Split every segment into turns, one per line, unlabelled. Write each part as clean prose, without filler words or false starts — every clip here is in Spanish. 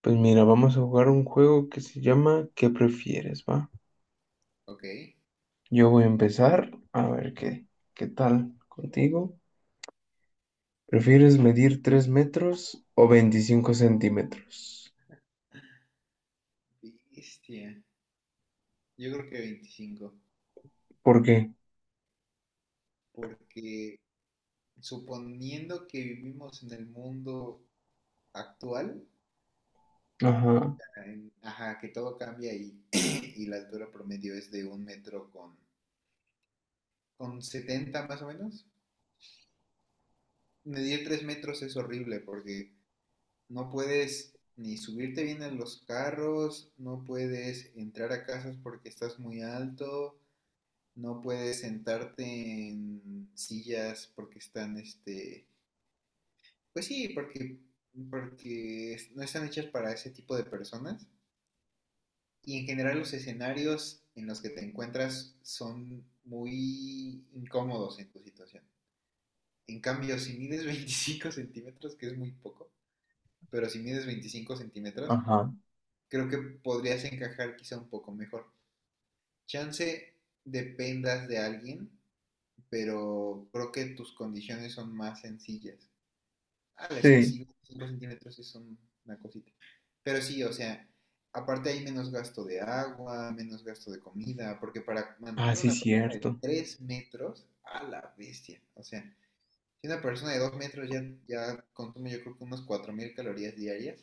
Pues mira, vamos a jugar un juego que se llama ¿Qué prefieres, va?
Ok,
Yo voy a empezar a ver qué, qué tal contigo. ¿Prefieres medir 3 metros o 25 centímetros?
bestia. Yo creo que 25,
¿Por qué?
porque suponiendo que vivimos en el mundo actual,
Ajá,
ajá, que todo cambia y, y la altura promedio es de un metro con 70 más o menos, medir 3 metros es horrible porque no puedes ni subirte bien en los carros, no puedes entrar a casas porque estás muy alto, no puedes sentarte en sillas porque están, pues sí, porque no están hechas para ese tipo de personas. Y en general los escenarios en los que te encuentras son muy incómodos en tu situación. En cambio, si mides 25 centímetros, que es muy poco, pero si mides 25 centímetros,
ajá.
creo que podrías encajar quizá un poco mejor. Chance dependas de alguien, pero creo que tus condiciones son más sencillas. Ah, es que
Sí.
sí, 5 centímetros es una cosita. Pero sí, o sea, aparte hay menos gasto de agua, menos gasto de comida, porque para
Ah,
mantener
sí,
una persona de
cierto.
3 metros, a la bestia. O sea, si una persona de 2 metros ya, ya consume yo creo que unas 4,000 calorías diarias,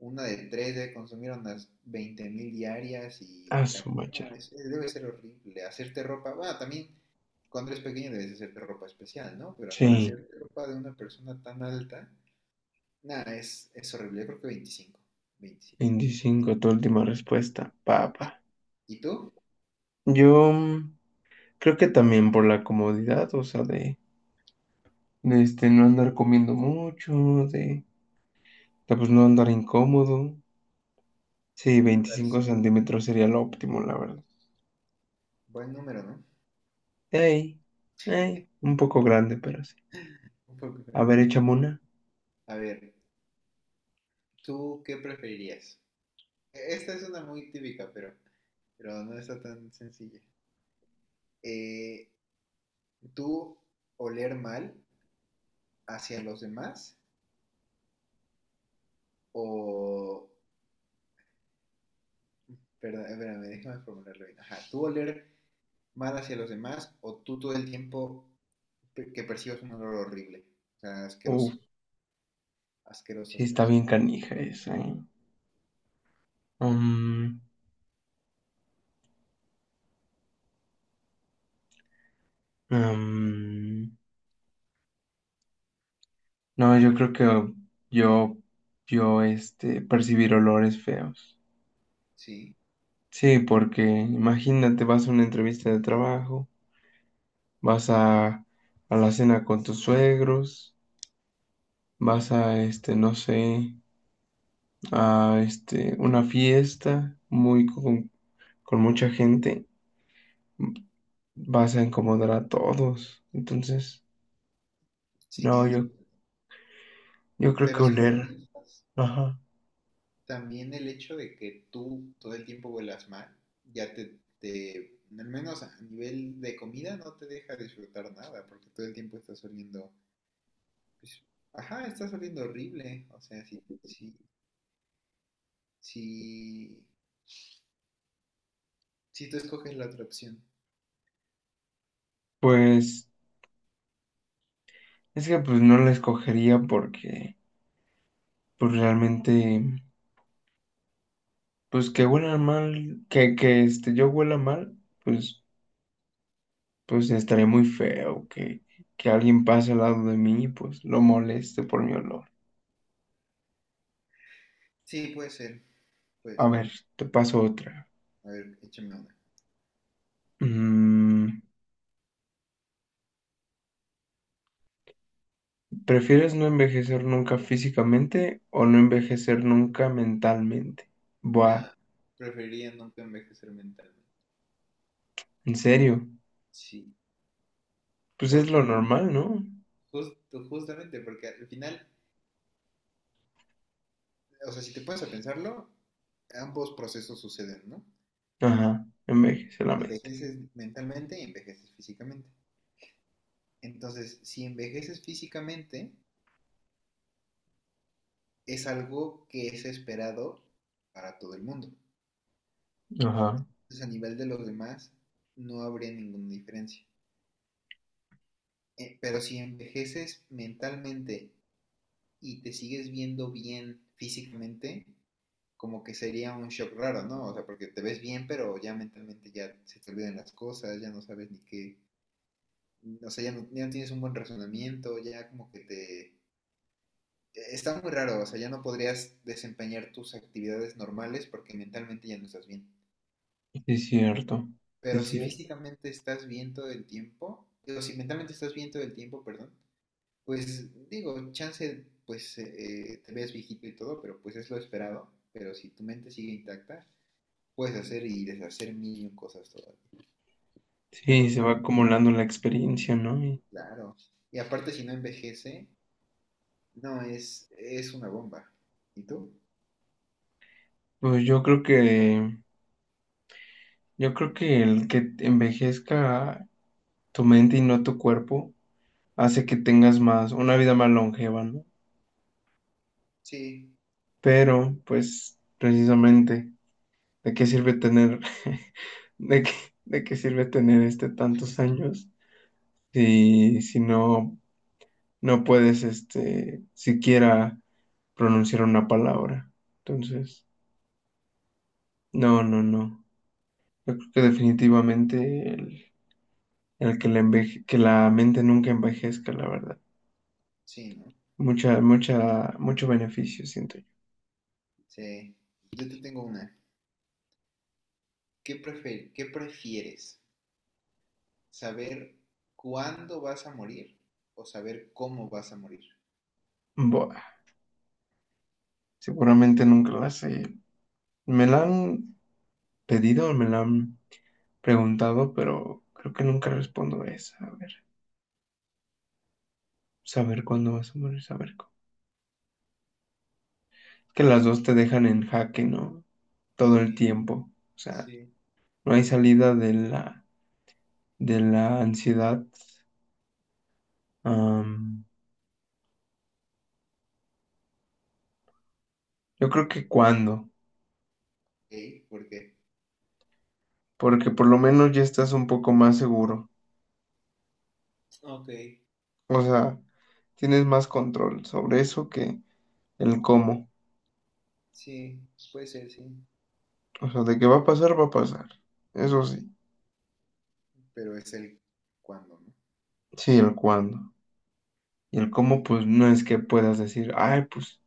una de 3 debe consumir unas 20,000 diarias y
Ah,
la
su macha.
no, debe ser horrible. Hacerte ropa, bueno, también cuando eres pequeño debes hacerte ropa especial, ¿no? Pero para
Sí,
hacerte ropa de una persona tan alta. Nada, es horrible. Yo creo que veinticinco.
25. Tu última respuesta, papá.
¿Y tú?
Yo creo que también por la comodidad, o sea, de, este, no andar comiendo mucho, de, pues no andar incómodo. Sí,
Un
25
pulgarcito.
centímetros sería lo óptimo, la verdad.
Buen número, ¿no?
Ey, ey, un poco grande, pero sí.
Un pulgar.
A ver, échame una.
A ver, ¿tú qué preferirías? Esta es una muy típica, pero no está tan sencilla. Eh, ¿Tú oler mal hacia los demás? O. Perdón, espérame, déjame formularlo bien. Ajá, ¿tú oler mal hacia los demás o tú todo el tiempo que percibas un olor horrible? O sea,
Uf,
asqueroso. Asqueroso,
sí está
asqueroso.
bien canija esa, ¿eh? Um, um, no, yo creo que yo, yo, este, percibir olores feos.
Sí.
Sí, porque imagínate, vas a una entrevista de trabajo, vas a la cena con tus suegros, vas a, este, no sé, a, este, una fiesta muy con mucha gente vas a incomodar a todos. Entonces,
Sí
no,
es.
yo, creo que
Pero si lo
oler,
piensas,
ajá.
también el hecho de que tú todo el tiempo vuelas mal, ya te, al menos a nivel de comida, no te deja disfrutar nada, porque todo el tiempo estás oliendo, pues, ajá, estás oliendo horrible. O sea, si, si tú escoges la otra opción.
Pues es que pues no la escogería porque pues realmente pues que huela mal, que este yo huela mal, pues pues estaría muy feo que alguien pase al lado de mí y pues lo moleste por mi olor.
Sí, puede ser, puede
A
ser.
ver, te paso otra.
A ver, échame una.
Mm, ¿Prefieres no envejecer nunca físicamente o no envejecer nunca mentalmente? Buah,
Nah, preferiría nunca envejecer mentalmente.
¿en serio?
Sí,
Pues es lo
porque
normal, ¿no?
jus- justamente, porque al final, o sea, si te pones a pensarlo, ambos procesos suceden, ¿no?
Ajá, envejece la mente.
Envejeces mentalmente y envejeces físicamente. Entonces, si envejeces físicamente, es algo que es esperado para todo el mundo.
Ajá,
Entonces, a nivel de los demás, no habría ninguna diferencia. Pero si envejeces mentalmente y te sigues viendo bien físicamente, como que sería un shock raro, ¿no? O sea, porque te ves bien, pero ya mentalmente ya se te olvidan las cosas, ya no sabes ni qué. O sea, ya no tienes un buen razonamiento, ya como que te. Está muy raro, o sea, ya no podrías desempeñar tus actividades normales porque mentalmente ya no estás bien.
sí es cierto, sí
Pero
es
si
cierto.
físicamente estás bien todo el tiempo, o si mentalmente estás bien todo el tiempo, perdón, pues digo, chance, pues te ves viejito y todo, pero pues es lo esperado. Pero si tu mente sigue intacta, puedes hacer y deshacer mil cosas todavía. O sea,
Sí,
creo que
se
la
va
mente,
acumulando la experiencia, ¿no? Y,
claro. Y aparte, si no envejece, no, es una bomba. ¿Y tú?
pues yo creo que el que envejezca tu mente y no tu cuerpo hace que tengas más, una vida más longeva, ¿no?
Sí,
Pero, pues, precisamente. ¿De qué sirve tener, de qué, de qué sirve tener este tantos años si, no, no puedes este siquiera pronunciar una palabra? Entonces, no, no, no. Yo creo que definitivamente el que que la mente nunca envejezca, la verdad.
sí, ¿no?
Mucha, mucha, mucho beneficio, siento yo.
Sí. Yo te tengo una. ¿Qué prefieres? ¿Saber cuándo vas a morir o saber cómo vas a morir?
Buah, seguramente nunca la sé. Me la han pedido, me la han preguntado, pero creo que nunca respondo esa. A ver. Saber cuándo vas a morir, saber cómo. Que las dos te dejan en jaque, ¿no? Todo el
Sí,
tiempo. O sea,
sí.
no hay salida de la, ansiedad. Am, yo creo que cuándo,
¿Ok? ¿Por qué?
porque por lo menos ya estás un poco más seguro.
Ok,
O sea, tienes más control sobre eso que el cómo.
sí, puede ser, sí.
O sea, de que va a pasar, va a pasar. Eso sí.
Pero es el cuándo, ¿no?
Sí, el cuándo. Y el cómo, pues no es que puedas decir, ay, pues,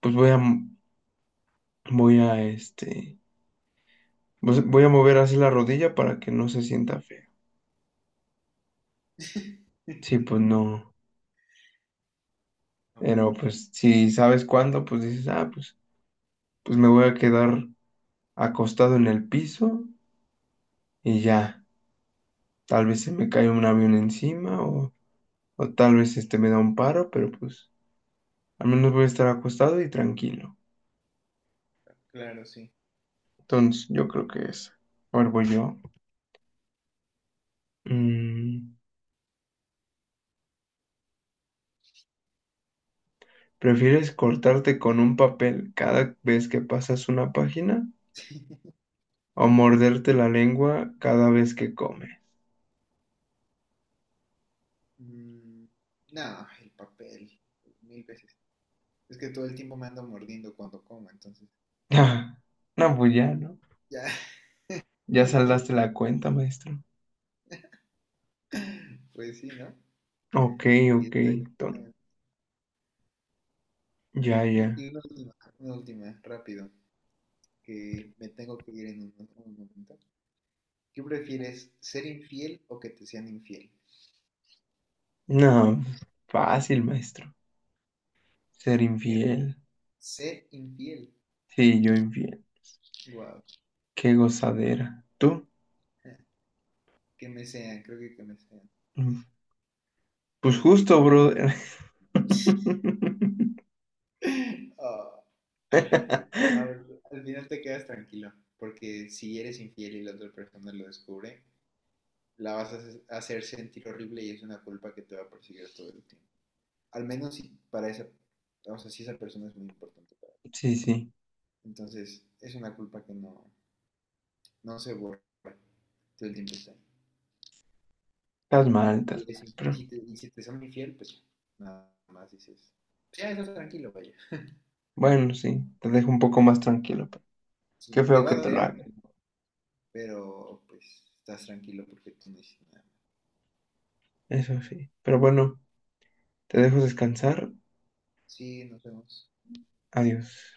pues voy a este pues voy a mover así la rodilla para que no se sienta feo. Sí, pues no.
Ah, pues,
Pero pues si sabes cuándo, pues dices, ah, pues me voy a quedar acostado en el piso y ya. Tal vez se me cae un avión encima o tal vez este me da un paro, pero pues al menos voy a estar acostado y tranquilo.
claro, sí.
Entonces, yo creo que es. Ahora voy yo. Mm, ¿Prefieres cortarte con un papel cada vez que pasas una página o morderte la lengua cada vez que comes?
Mm, no, el papel, mil veces. Es que todo el tiempo me ando mordiendo cuando como, entonces,
Ah, no, pues ya, ¿no?
ya,
Ya saldaste la cuenta, maestro.
pues sí, ¿no?
Ok,
Y
ok.
está ahí,
ton-
no. Ah,
ya, ya.
y una última, rápido, que me tengo que ir en un momento. ¿Qué prefieres, ser infiel o que te sean infiel?
No, pues, fácil, maestro. Ser
Que
infiel.
ser infiel,
Sí, yo infiel.
wow,
Qué gozadera. ¿Tú?
que me sean, creo que me sean,
Mm, Pues
porque
justo, brother.
ah, al final te quedas tranquilo, porque si eres infiel y la otra persona lo descubre, la vas a hacer sentir horrible y es una culpa que te va a perseguir todo el tiempo. Al menos si para esa, o sea, si esa persona es muy importante.
Sí, sí.
Entonces, es una culpa que no, no se borra, todo el tiempo está ahí.
Estás mal,
Y,
estás
eres
mal. Pero
y si te son infiel, pues nada más dices, pues ya estás tranquilo, vaya.
bueno, sí. Te dejo un poco más tranquilo. Pero qué
Sí, te
feo
va a
que te lo
doler,
hagan.
pero, pues estás tranquilo porque tú no hiciste nada más.
Eso sí. Pero bueno, te dejo descansar.
Sí, nos vemos.
Adiós.